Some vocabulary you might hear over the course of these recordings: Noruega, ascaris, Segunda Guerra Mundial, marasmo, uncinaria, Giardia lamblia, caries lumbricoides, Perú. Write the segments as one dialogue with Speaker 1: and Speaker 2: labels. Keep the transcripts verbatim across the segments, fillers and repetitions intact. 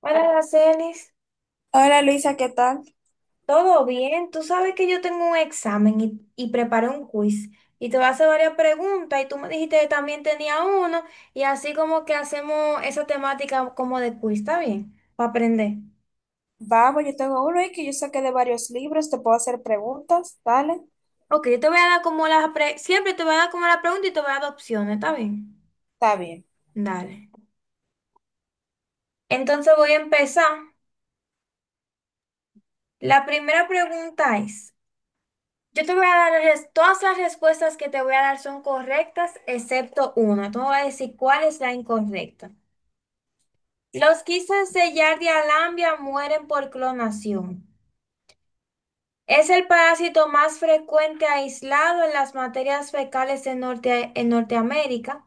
Speaker 1: Hola, Aracelis,
Speaker 2: Hola Luisa, ¿qué tal?
Speaker 1: ¿todo bien? Tú sabes que yo tengo un examen y, y preparé un quiz y te voy a hacer varias preguntas y tú me dijiste que también tenía uno y así como que hacemos esa temática como de quiz, ¿está bien? Para aprender.
Speaker 2: Vamos, yo tengo uno y que yo saqué de varios libros, te puedo hacer preguntas, dale,
Speaker 1: Ok, yo te voy a dar como las pre- siempre te voy a dar como la pregunta y te voy a dar opciones, ¿está bien?
Speaker 2: está bien.
Speaker 1: Dale. Entonces voy a empezar. La primera pregunta es, yo te voy a dar res- todas las respuestas que te voy a dar son correctas excepto una. Tú me vas a decir cuál es la incorrecta. Los quistes de Giardia lambia mueren por clonación. Es el parásito más frecuente aislado en las materias fecales en, Norte- en Norteamérica.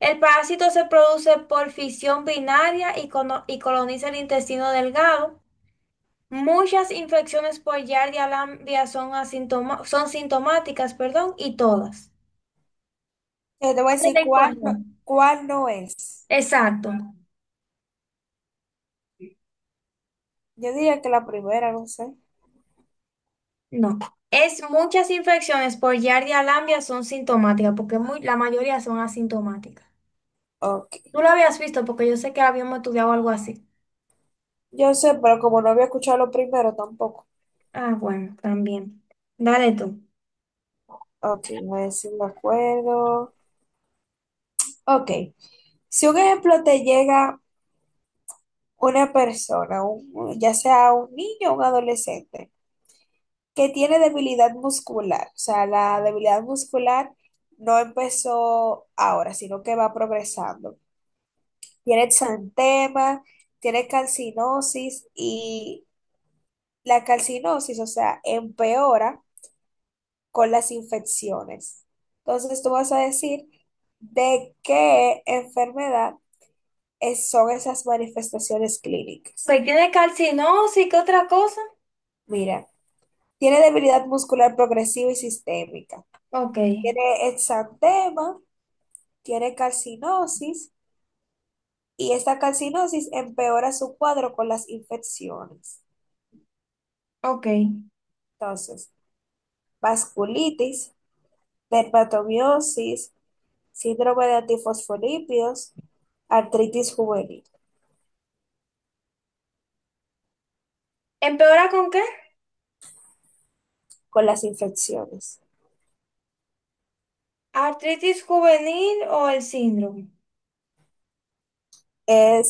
Speaker 1: El parásito se produce por fisión binaria y, cono- y coloniza el intestino delgado. Muchas infecciones por Giardia lambia son, asintoma- son sintomáticas, perdón, y todas.
Speaker 2: Eh, te voy a decir
Speaker 1: Vale,
Speaker 2: cuál no,
Speaker 1: correcto.
Speaker 2: cuál no es.
Speaker 1: Exacto.
Speaker 2: Yo diría que la primera, no sé.
Speaker 1: No. Es muchas infecciones por Giardia lamblia son sintomáticas, porque muy, la mayoría son asintomáticas.
Speaker 2: Ok,
Speaker 1: Tú lo habías visto porque yo sé que habíamos estudiado algo así.
Speaker 2: yo sé, pero como no había escuchado lo primero tampoco.
Speaker 1: Ah, bueno, también. Dale tú.
Speaker 2: Ok, voy a decir de acuerdo. Ok, si un ejemplo te llega una persona, un- ya sea un niño o un adolescente, que tiene debilidad muscular. O sea, la debilidad muscular no empezó ahora, sino que va progresando. Tiene exantema, tiene calcinosis y la calcinosis, o sea, empeora con las infecciones. Entonces, tú vas a decir de qué enfermedad es- son esas manifestaciones clínicas.
Speaker 1: Ok, ¿tiene calcinosis? ¿Qué otra cosa?
Speaker 2: Mira, tiene debilidad muscular progresiva y sistémica.
Speaker 1: Ok,
Speaker 2: Tiene exantema, tiene calcinosis y esta calcinosis empeora su cuadro con las infecciones.
Speaker 1: ok.
Speaker 2: Entonces, vasculitis, dermatomiosis, síndrome de antifosfolípidos, artritis juvenil
Speaker 1: ¿Empeora con qué?
Speaker 2: con las infecciones.
Speaker 1: ¿Artritis juvenil o el síndrome?
Speaker 2: Es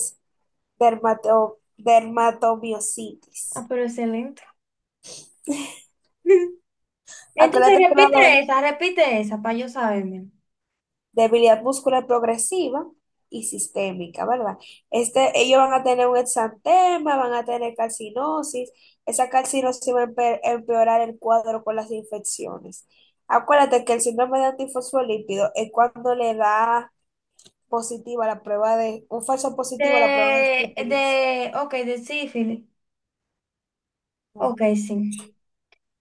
Speaker 2: dermato- dermatomiositis.
Speaker 1: Ah, pero excelente. Entonces
Speaker 2: Acuérdate que
Speaker 1: repite
Speaker 2: la,
Speaker 1: esa, repite esa para yo saberme.
Speaker 2: debilidad muscular progresiva y sistémica, ¿verdad? Este, ellos van a tener un exantema, van a tener calcinosis, esa calcinosis va a empe- empeorar el cuadro con las infecciones. Acuérdate que el síndrome de antifosfolípido es cuando le da positiva la prueba de, un falso positivo a la prueba de
Speaker 1: De,
Speaker 2: sífilis.
Speaker 1: de, ok, de sífilis. Ok,
Speaker 2: Ujú.
Speaker 1: sí.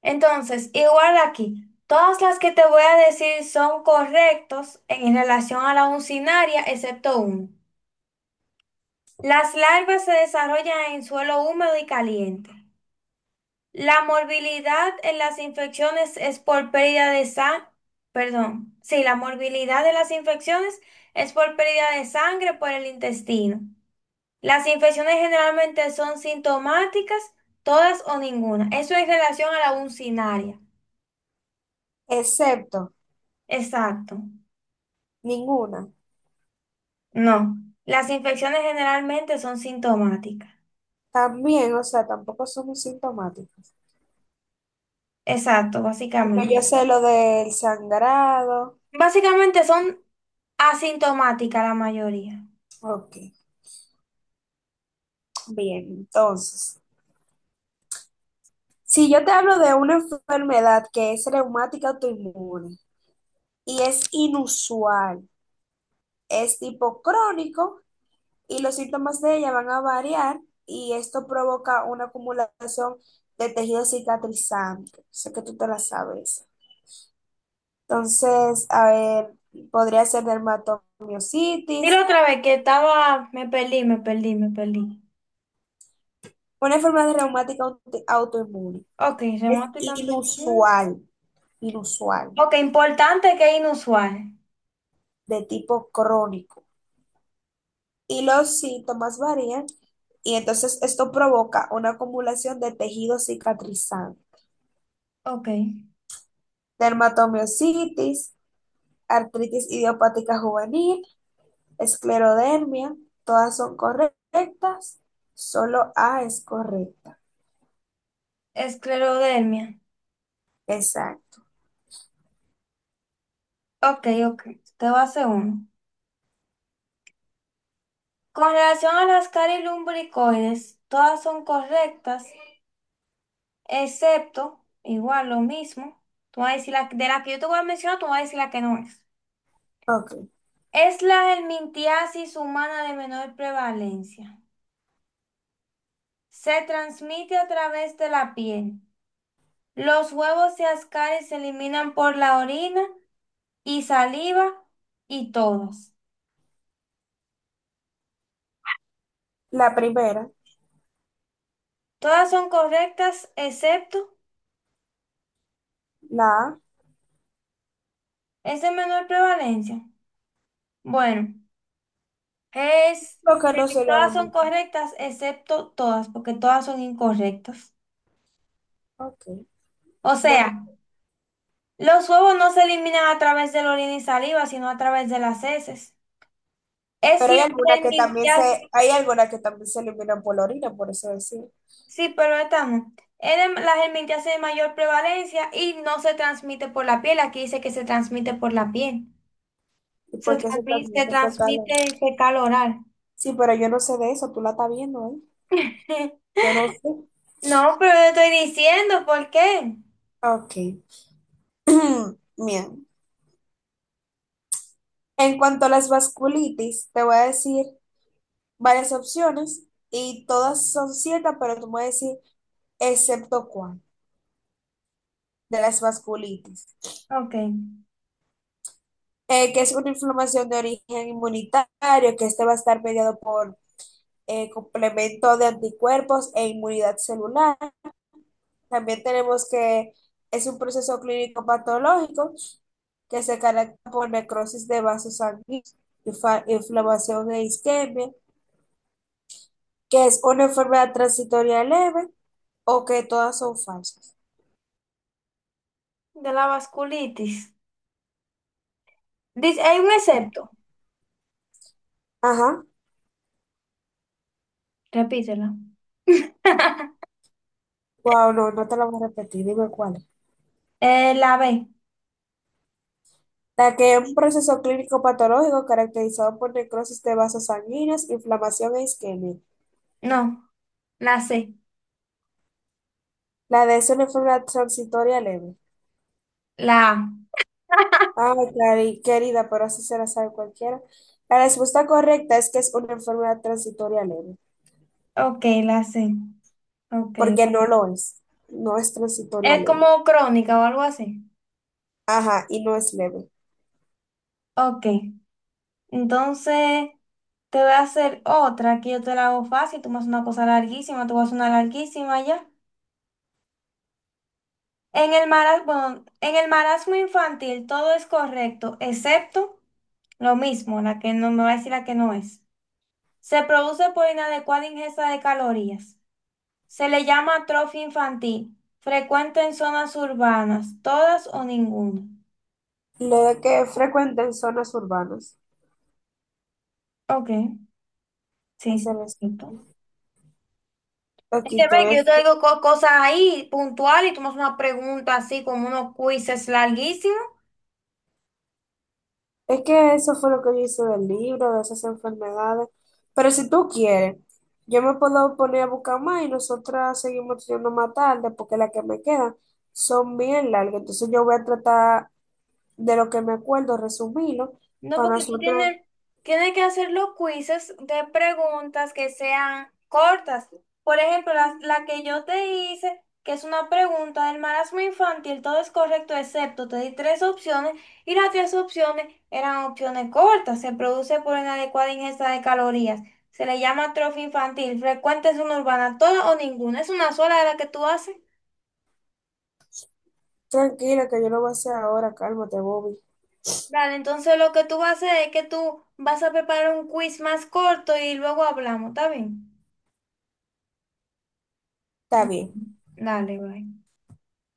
Speaker 1: Entonces, igual aquí, todas las que te voy a decir son correctos en relación a la uncinaria, excepto uno. Las larvas se desarrollan en suelo húmedo y caliente. La morbilidad en las infecciones es por pérdida de sangre, perdón, sí, la morbilidad de las infecciones es por pérdida de sangre por el intestino. Las infecciones generalmente son sintomáticas, todas o ninguna. Eso en relación a la uncinaria.
Speaker 2: Excepto,
Speaker 1: Exacto.
Speaker 2: ninguna.
Speaker 1: No, las infecciones generalmente son sintomáticas.
Speaker 2: También, o sea, tampoco son sintomáticos.
Speaker 1: Exacto,
Speaker 2: Porque yo
Speaker 1: básicamente.
Speaker 2: sé lo del sangrado.
Speaker 1: Básicamente son asintomáticas la mayoría.
Speaker 2: Ok. Bien, entonces, si yo te hablo de una enfermedad que es reumática autoinmune y es inusual, es tipo crónico y los síntomas de ella van a variar y esto provoca una acumulación de tejido cicatrizante. Sé que tú te la sabes. Entonces, a ver, podría ser
Speaker 1: Dilo
Speaker 2: dermatomiositis,
Speaker 1: otra vez que estaba, me perdí, me perdí, me perdí.
Speaker 2: una enfermedad reumática auto- autoinmune.
Speaker 1: Ok,
Speaker 2: Es
Speaker 1: remoto y campo- mm.
Speaker 2: inusual, inusual,
Speaker 1: Ok, importante que es inusual.
Speaker 2: de tipo crónico. Y los síntomas varían y entonces esto provoca una acumulación de tejido cicatrizante,
Speaker 1: Ok,
Speaker 2: dermatomiositis, artritis idiopática juvenil, esclerodermia, todas son correctas, solo A es correcta.
Speaker 1: esclerodermia.
Speaker 2: Exacto.
Speaker 1: Ok, ok, te voy a hacer uno. Con relación a las caries lumbricoides, todas son correctas, excepto, igual lo mismo, tú vas a decir la, de la que yo te voy a mencionar, tú vas a decir la que no es.
Speaker 2: Ok.
Speaker 1: Es la helmintiasis humana de menor prevalencia. Se transmite a través de la piel. Los huevos y ascaris se eliminan por la orina y saliva y todas.
Speaker 2: La primera,
Speaker 1: Todas son correctas excepto
Speaker 2: la A,
Speaker 1: es de menor prevalencia. Bueno, es
Speaker 2: lo que no
Speaker 1: que
Speaker 2: sería de
Speaker 1: todas son
Speaker 2: muy...
Speaker 1: correctas excepto todas, porque todas son incorrectas.
Speaker 2: Ok.
Speaker 1: O
Speaker 2: Yo- no,
Speaker 1: sea, los huevos no se eliminan a través de la orina y saliva, sino a través de las heces. Es
Speaker 2: pero hay
Speaker 1: la
Speaker 2: alguna que también se,
Speaker 1: germintiasis,
Speaker 2: hay alguna que también se eliminan por la orina, por eso decir,
Speaker 1: sí, pero esta no. Es de- la germintiasis de mayor prevalencia y no se transmite por la piel. Aquí dice que se transmite por la piel.
Speaker 2: y
Speaker 1: Se
Speaker 2: porque se
Speaker 1: transmite, se
Speaker 2: transmite fetal.
Speaker 1: transmite fecal oral.
Speaker 2: Sí, pero yo no sé de eso, tú la estás viendo, ¿eh? Yo no sé.
Speaker 1: No, pero yo estoy diciendo por qué.
Speaker 2: Ok. Bien. En cuanto a las vasculitis, te voy a decir varias opciones y todas son ciertas, pero tú me vas a decir excepto cuál de las vasculitis,
Speaker 1: Ok,
Speaker 2: Eh, que es una inflamación de origen inmunitario, que este va a estar mediado por eh, complemento de anticuerpos e inmunidad celular. También tenemos que es un proceso clínico patológico que se caracteriza por necrosis de vasos sanguíneos, infa- inflamación e isquemia, que es una enfermedad transitoria leve o que todas son falsas.
Speaker 1: de la vasculitis. Dice, hay un excepto.
Speaker 2: Ajá.
Speaker 1: Repítelo.
Speaker 2: Wow, no, no te la voy a repetir, dime cuál.
Speaker 1: Eh, la B,
Speaker 2: La que es un proceso clínico patológico caracterizado por necrosis de vasos sanguíneos, inflamación e isquemia.
Speaker 1: no, la C,
Speaker 2: La de es una enfermedad transitoria leve.
Speaker 1: la A.
Speaker 2: Ay, cari- querida, pero así se la sabe cualquiera. La respuesta correcta es que es una enfermedad transitoria leve,
Speaker 1: Ok, la sé. Ok.
Speaker 2: porque no lo es. No es transitoria
Speaker 1: Es
Speaker 2: leve.
Speaker 1: como crónica o algo así.
Speaker 2: Ajá, y no es leve.
Speaker 1: Ok. Entonces, te voy a hacer otra que yo te la hago fácil. Tú me haces una cosa larguísima, tú vas a una larguísima ya. En el marasmo, bueno, en el marasmo infantil todo es correcto, excepto lo mismo, la que no me va a decir la que no es. Se produce por inadecuada ingesta de calorías. Se le llama atrofia infantil. Frecuente en zonas urbanas, todas o ninguna.
Speaker 2: Lo de que frecuenta en zonas urbanas.
Speaker 1: Ok. Sí,
Speaker 2: Ese
Speaker 1: sí,
Speaker 2: es.
Speaker 1: punto. Es que
Speaker 2: Aquí te
Speaker 1: ve que yo
Speaker 2: ves.
Speaker 1: te digo co- cosas ahí puntuales y tú me haces una pregunta así como unos quizzes larguísimos.
Speaker 2: Es que eso fue lo que yo hice del libro, de esas enfermedades. Pero si tú quieres, yo me puedo poner a buscar más y nosotras seguimos estudiando más tarde, porque las que me quedan son bien largas. Entonces yo voy a tratar de lo que me acuerdo, resumilo
Speaker 1: No,
Speaker 2: para
Speaker 1: porque tú
Speaker 2: nosotros.
Speaker 1: tienes, tienes que hacer los quizzes de preguntas que sean cortas. Por ejemplo, la, la que yo te hice, que es una pregunta del marasmo infantil, todo es correcto excepto te di tres opciones y las tres opciones eran opciones cortas. Se produce por inadecuada ingesta de calorías. Se le llama atrofia infantil. Frecuente es una urbana, toda o ninguna. Es una sola de la que tú haces.
Speaker 2: Tranquila, que yo lo voy a hacer ahora, cálmate, Bobby.
Speaker 1: Vale, entonces lo que tú vas a hacer es que tú vas a preparar un quiz más corto y luego hablamos, ¿está bien?
Speaker 2: Está
Speaker 1: Mm,
Speaker 2: bien.
Speaker 1: dale, bye.